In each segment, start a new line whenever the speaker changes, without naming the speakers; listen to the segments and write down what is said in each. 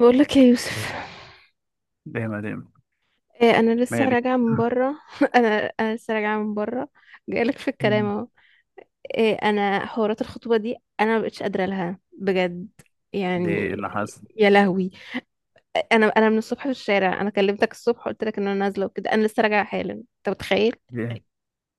بقول لك يا يوسف.
ليه؟ ما ليه؟
إيه، انا لسه
مالك؟
راجعه من بره. انا لسه راجعه من بره. جاي لك في الكلام
مم.
اهو. إيه، انا حوارات الخطوبه دي انا ما بقتش قادره لها بجد
ليه؟
يعني.
ايه اللي حصل؟
يا لهوي. انا من الصبح في الشارع، انا كلمتك الصبح قلت لك ان انا نازله وكده، انا لسه راجعه حالا. انت متخيل؟
ليه؟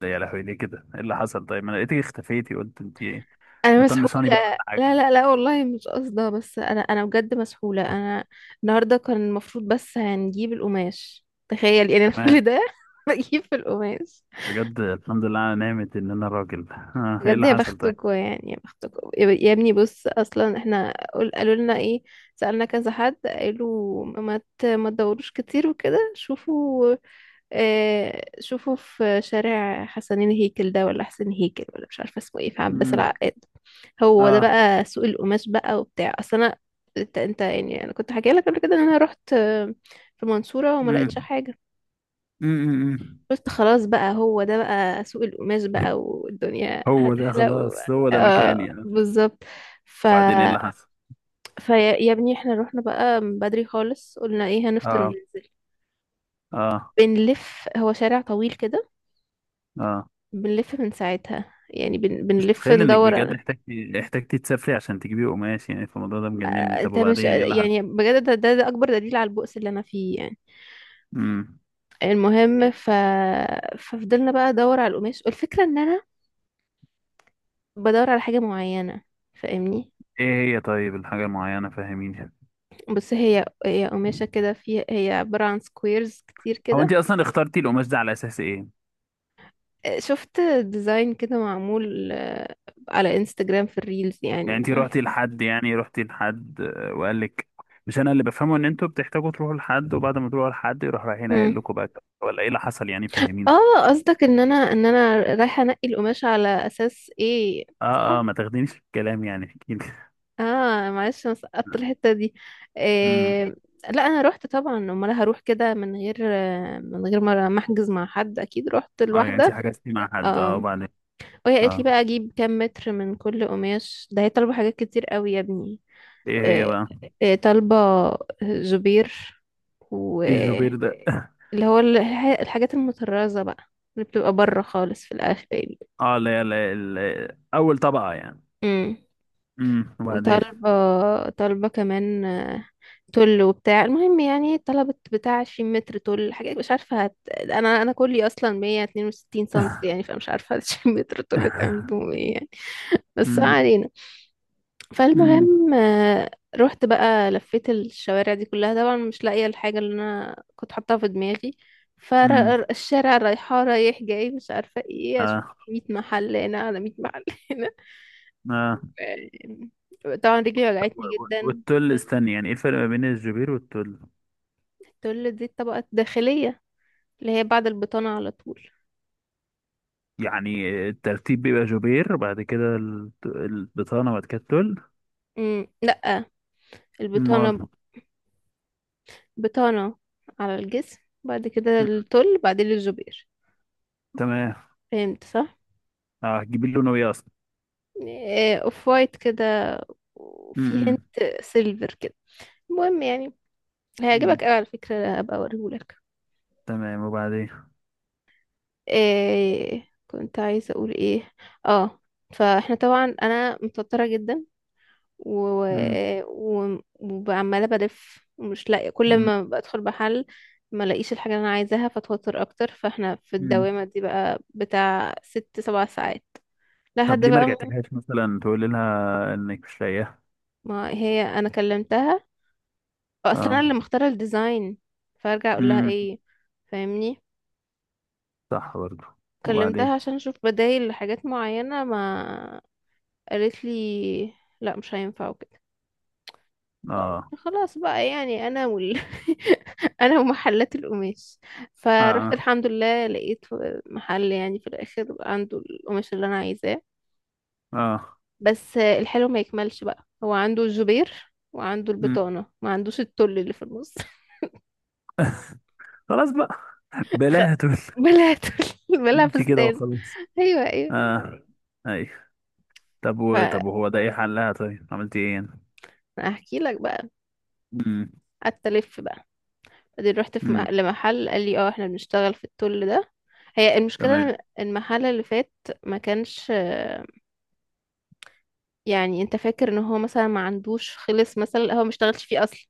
ده يا لهوي، ليه كده؟ ايه اللي حصل؟ طيب ما انا لقيتك اختفيتي، قلت انت ايه؟
انا مسحوله.
مطنشاني بقى ولا
لا
حاجه؟
لا لا، والله مش قصده، بس انا بجد مسحوله انا. النهارده كان المفروض بس هنجيب القماش، تخيل يعني. أنا
تمام.
كل ده بجيب في القماش.
بجد الحمد لله انا نعمت ان انا راجل. ايه
بجد
اللي
يا
حصل طيب؟
بختكوا، يعني يا بختكوا يا ابني. بص اصلا احنا قالوا لنا ايه؟ سألنا كذا حد قالوا ما تدوروش كتير وكده، شوفوا اه شوفوا في شارع حسنين هيكل ده، ولا حسين هيكل ولا مش عارفه اسمه ايه، في عباس
مم.
العقاد. هو ده
اه.
بقى سوق القماش بقى وبتاع. اصل انا، انت يعني، انا كنت حكي لك قبل كده ان انا رحت في المنصوره وما لقيتش
مم.
حاجه.
مم. مم.
قلت خلاص بقى هو ده بقى سوق القماش
مم.
بقى، والدنيا
هو ده
هتحلق
خلاص، هو ده مكاني
اه
يعني.
بالظبط. ف
وبعدين ايه اللي حصل؟
فيا يا ابني احنا رحنا بقى من بدري خالص، قلنا ايه هنفطر
اه.
وننزل.
اه.
بنلف، هو شارع طويل كده.
اه.
بنلف من ساعتها يعني،
مش
بنلف
متخيل انك
ندور
بجد
أنا.
احتاجتي تسافري عشان تجيبي قماش. يعني في الموضوع ده
آه،
مجنني. طب
انت مش
وبعدين ايه اللي
يعني
حصل؟
بجد، ده اكبر دليل على البؤس اللي انا فيه يعني.
امم
المهم ف... ففضلنا بقى ادور على القماش. والفكرة ان انا بدور على حاجة معينة، فاهمني.
ايه هي طيب الحاجة المعينة؟ فهميني يعني.
بس هي قماشة كده، في هي عبارة عن سكويرز كتير
هو انت
كده.
اصلا اخترتي القماش ده على اساس ايه؟
شفت ديزاين كده معمول على انستجرام في الريلز
يعني
يعني
انت
ما.
روحتي لحد، يعني روحتي لحد وقال لك؟ مش انا اللي بفهمه ان انتوا بتحتاجوا تروحوا لحد، وبعد ما تروحوا لحد يروح رايحين قايل
مم.
لكم بقى؟ ولا ايه اللي حصل يعني؟ فهميني.
اه قصدك ان انا ان انا رايحة انقي القماشة على اساس ايه؟
اه
صح.
اه، ما تاخدينيش في الكلام، يعني احكي لي.
اه معلش انا سقطت الحتة دي.
امم
إيه... لا انا رحت طبعا، امال هروح كده من غير من غير ما احجز مع حد، اكيد رحت
اه، يعني انت
لوحدة.
حجزتي مع حد. اه
اه.
وبعدين؟
وهي قالت لي بقى
اه
اجيب كام متر من كل قماش ده، هي طالبه حاجات كتير قوي يا ابني.
ايه هي
آه،
بقى؟
طالبة زبير
ايه الجوبير
واللي
ده؟
هو الحاجات المطرزة بقى، اللي بتبقى بره خالص في الآخر دي.
اه لا لا، ال- اول طبقة يعني.
امم.
وبعدين؟
وطالبة، طالبة كمان تل وبتاع. المهم يعني طلبت بتاع 20 متر تل، حاجة مش عارفة أنا كلي أصلا 162 سنتي يعني، فمش عارفة 20 متر تل تعمل بهم ايه يعني. بس ما
امم
علينا.
امم
فالمهم رحت بقى لفيت الشوارع دي كلها، طبعا مش لاقية الحاجة اللي انا كنت حاطاها في دماغي.
امم
فالشارع رايحة رايح جاي، مش عارفة ايه اشوف.
اه.
100 محل هنا على 100 محل هنا.
اه.
طبعا رجلي وجعتني جدا.
والتل، استني يعني ايه الفرق ما بين الجوبير والتل؟
تقول دي الطبقة الداخلية، اللي هي بعد البطانة على طول.
يعني الترتيب بيبقى جوبير، بعد كده الت- البطانة، بعد كده التل؟
لا،
امال؟
البطانة، بطانة على الجسم. بعد كده
مم.
التل، بعدين الجبير.
تمام.
فهمت صح.
اه، هتجيبي لونه ايه اصلا؟
اوف وايت كده، وفي
امم
هنت سيلفر كده. المهم يعني
أمم.
هيعجبك قوي على فكرة، هبقى اوريهولك.
تمام وبعدين؟
كنت عايزة اقول ايه. اه. فاحنا طبعا انا متوترة جدا، و...
امم
وعمالة بلف ومش لاقية، كل
أمم.
ما بدخل محل ما لاقيش الحاجة اللي انا عايزاها، فاتوتر اكتر. فاحنا في
أمم.
الدوامة دي بقى بتاع ست سبع ساعات.
طب
لحد
ليه ما
بقى ما.
رجعتلهاش مثلا، تقولي لها انك مش لاقيها؟
ما هي انا كلمتها، اصلا انا
اه.
اللي مختاره الديزاين، فارجع اقول لها
امم
ايه؟ فاهمني.
صح برضو.
كلمتها
وبعدين؟
عشان اشوف بدايل لحاجات معينه ما، قالت لي لا مش هينفع وكده. فقلت
اه.
خلاص بقى، يعني انا ومحلات القماش.
اه.
فروحت
اه.
الحمد لله لقيت محل يعني في الاخر عنده القماش اللي انا عايزاه،
آه.
بس الحلو ما يكملش بقى. هو عنده الجبير وعنده
أمم.
البطانه، ما عندوش التل اللي في النص.
خلاص بقى.
خ-
بلاها تقول.
بلا تل، بلا
نمشي كده
فستان.
وخلاص.
ايوه ايوه.
اه. اي. طب و... طب وهو ده ايه حلها؟ طيب، عملت ايه يعني؟
فاحكي لك بقى.
امم
قعدت الف بقى، بعدين رحت
امم
لمحل، قال لي اه احنا بنشتغل في التول ده. هي
تمام.
المشكله إن المحل اللي فات ما كانش يعني انت فاكر ان هو مثلا ما عندوش، خلص مثلا هو ما اشتغلش فيه اصلا.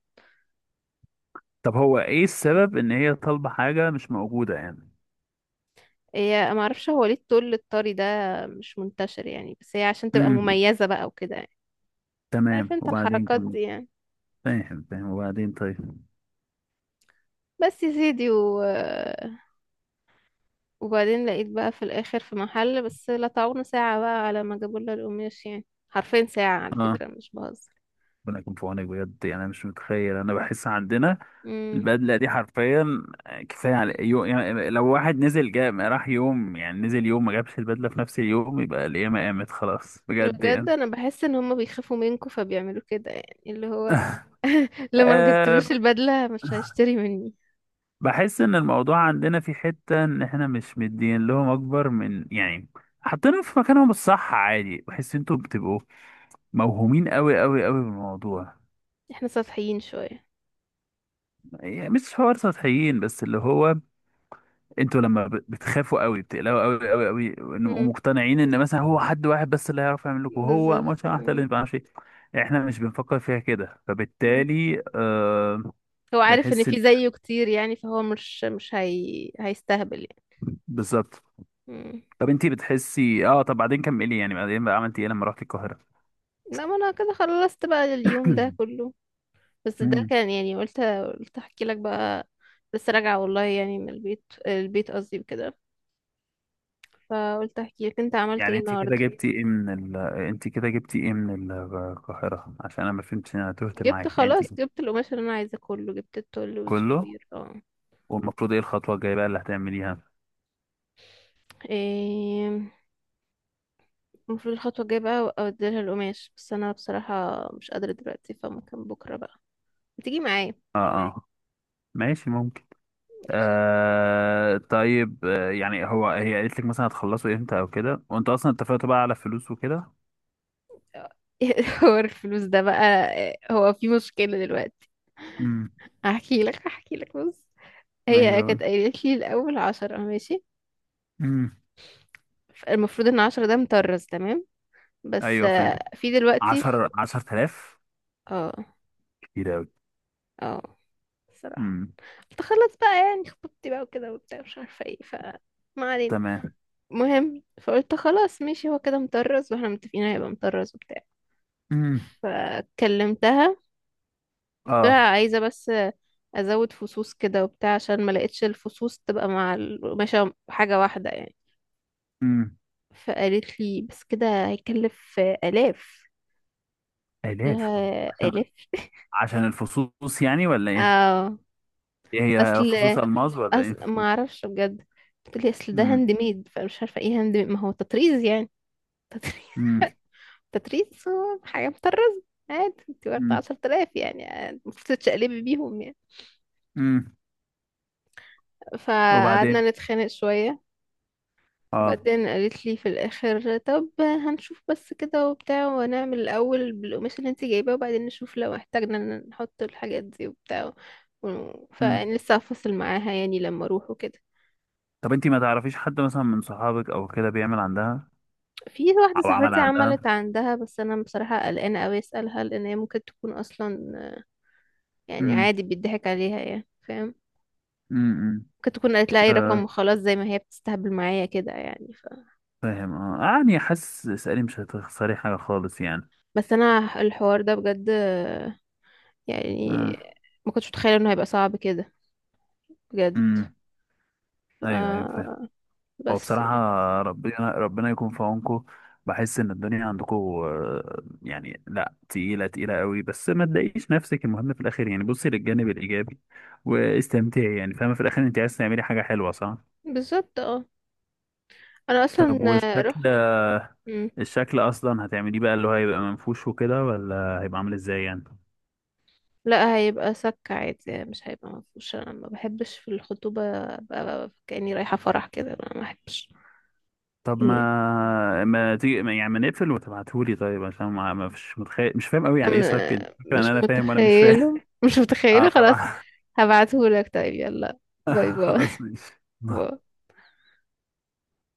طب هو ايه السبب ان هي طالبة حاجة مش موجودة يعني؟
هي ما اعرفش هو ليه التول الطري ده مش منتشر يعني، بس هي عشان تبقى
امم
مميزه بقى وكده يعني. عارف
تمام
انت
وبعدين،
الحركات
كمل.
دي يعني.
فاهم فاهم، وبعدين؟ طيب.
بس يا سيدي و وبعدين لقيت بقى في الاخر في محل، بس لا تعونا ساعة بقى على ما جابوا لنا القماش، يعني حرفين ساعة على
اه.
فكرة مش بهزر.
ربنا يكون في عونك بجد يعني. انا مش متخيل، انا بحس عندنا
امم.
البدله دي حرفيا كفايه على يو... يعني لو واحد نزل جا راح يوم، يعني نزل يوم ما جابش البدله في نفس اليوم، يبقى القيامه قامت خلاص بجد
بجد
يعني.
انا بحس ان هما بيخافوا منكم فبيعملوا كده، يعني اللي هو لما ما جبتلوش
آه.
البدلة مش هيشتري مني.
بحس ان الموضوع عندنا في حتة ان احنا مش مدين لهم اكبر من يعني. حاطينهم في مكانهم الصح عادي. بحس انتوا بتبقوا موهومين قوي قوي قوي بالموضوع.
احنا سطحيين شوية.
يعني مش حوار سطحيين، بس اللي هو انتوا لما ب- بتخافوا قوي، بتقلقوا قوي قوي قوي
امم.
ومقتنعين ان مثلا هو حد واحد بس اللي هيعرف يعمل لكم، هو
بالظبط.
ماتش واحد اللي
امم.
ما بيعرفش إيه. احنا مش بنفكر فيها كده،
أمم.
فبالتالي آه.
هو عارف ان
بنحس إن-
في زيه كتير يعني، فهو مش مش هي... هيستهبل يعني.
بالظبط.
امم.
طب انتي بتحسي؟ اه. طب بعدين كملي يعني، بعدين بقى عملتي ايه لما رحتي القاهرة؟
لا ما انا كده خلصت بقى اليوم ده كله. بس ده
مم.
كان يعني، قلت احكي لك بقى. لسه راجعة والله يعني، من البيت، البيت قصدي وكده. فقلت احكي لك انت عملت
يعني
ايه
انت كده
النهارده.
جبتي ايه من ال... انت كده جبتي ايه من القاهرة؟ عشان انا ما فهمتش، انا تهت معاك يعني انت.
جبت القماش اللي انا عايزاه كله، جبت التول
كله؟
والجبير اه.
والمفروض ايه الخطوة الجاية بقى اللي هتعمليها؟
إيه، المفروض الخطوة الجاية بقى اوديلها القماش، بس انا بصراحة مش قادرة دلوقتي، فممكن بكرة بقى تيجي معايا.
اه. اه. ماشي، ممكن. آه طيب، آه يعني هو هي قالت لك مثلا هتخلصوا امتى او كده؟ وانت اصلا اتفقتوا بقى على فلوس وكده؟
هو الفلوس ده بقى، هو في مشكلة دلوقتي.
امم
هحكي لك بص. هي
ايوه.
كانت قايلة لي الأول عشرة ماشي،
امم
المفروض ان عشرة ده مطرز تمام، بس
ايوه فاهم.
في دلوقتي.
10، 10,000.
اه
كتير قوي.
اه صراحة.
امم
قلت خلاص بقى يعني، خطوبتي بقى وكده وبتاع مش عارفة ايه. ف ما علينا.
تمام.
المهم فقلت خلاص ماشي، هو كده مطرز واحنا متفقين هيبقى مطرز وبتاع.
امم
فكلمتها، قلت لها
اه.
عايزة بس ازود فصوص كده وبتاع، عشان ما لقيتش الفصوص تبقى مع القماشة حاجة واحدة يعني.
امم
فقالت لي بس كده هيكلف آلاف. قلت لها
الاف. عشان،
آلاف؟
عشان الفصوص يعني ولا ايه؟
اه.
ايه،
اصل
هي فصوص الماس ولا ايه؟
ما اعرفش بجد. بتقولي اصل ده
امم
هاند ميد، فمش عارفه ايه هاند ميد ما هو تطريز يعني. تطريز
امم
تطريز، هو حاجه مطرزه عادي. انت واخده
امم
10,000 يعني، المفروض تتشقلبي بيهم يعني.
امم وبعدين؟
فقعدنا نتخانق شويه.
اه.
بعدين قالت لي في الاخر طب هنشوف بس كده وبتاع، ونعمل الاول بالقماش اللي انت جايباه، وبعدين نشوف لو احتاجنا إن نحط الحاجات دي وبتاع.
امم
فلسه هفصل معاها يعني لما اروح وكده.
طب انتي ما تعرفيش حد مثلا من صحابك او كده بيعمل عندها
في واحدة
او عمل
صاحبتي عملت
عندها؟
عندها، بس أنا بصراحة قلقانة أوي أسألها، لأن هي ممكن تكون أصلا يعني
امم
عادي بيضحك عليها يعني، فاهم؟
امم
ممكن تكون قالت لها أي رقم
آه.
وخلاص، زي ما هي بتستهبل معايا كده يعني
فاهم. اه يعني حاسس اسألي، مش هتخسري حاجة خالص يعني.
بس أنا الحوار ده بجد يعني، ما كنتش متخيلة إنه هيبقى صعب كده بجد.
امم ايوه ايوه فاهم.
آه،
هو
بس
بصراحة
يعني.
ربنا، ربنا يكون في عونكم. بحس إن الدنيا عندكم آه، يعني لا تقيلة، تقيلة قوي. بس ما تضايقيش نفسك، المهم في الآخر يعني بصي للجانب الإيجابي واستمتعي يعني. فاهمة، في الآخر أنت عايز تعملي حاجة حلوة صح؟
بالظبط اه. أنا أصلا
طب والشكل؟
رحت. مم.
الشكل أصلا هتعمليه بقى، اللي هو هيبقى منفوش وكده ولا هيبقى عامل إزاي يعني؟
لا هيبقى سك عادي يعني، مش هيبقى مفهوش، أنا ما بحبش في الخطوبة أبقى كأني رايحة فرح كده، أنا ما بحبش.
طب ما ما تيجي ما- يعني ما نقفل وتبعتهولي طيب؟ عشان ما ما فيش، متخيل، مش فاهم قوي يعني إيه صك. أنت فاكرة إن
مش
أنا فاهم وأنا مش فاهم.
متخيله، مش
أه
متخيله خلاص.
طبعا.
هبعتهولك طيب يلا. باي باي.
خلاص ماشي.
باي.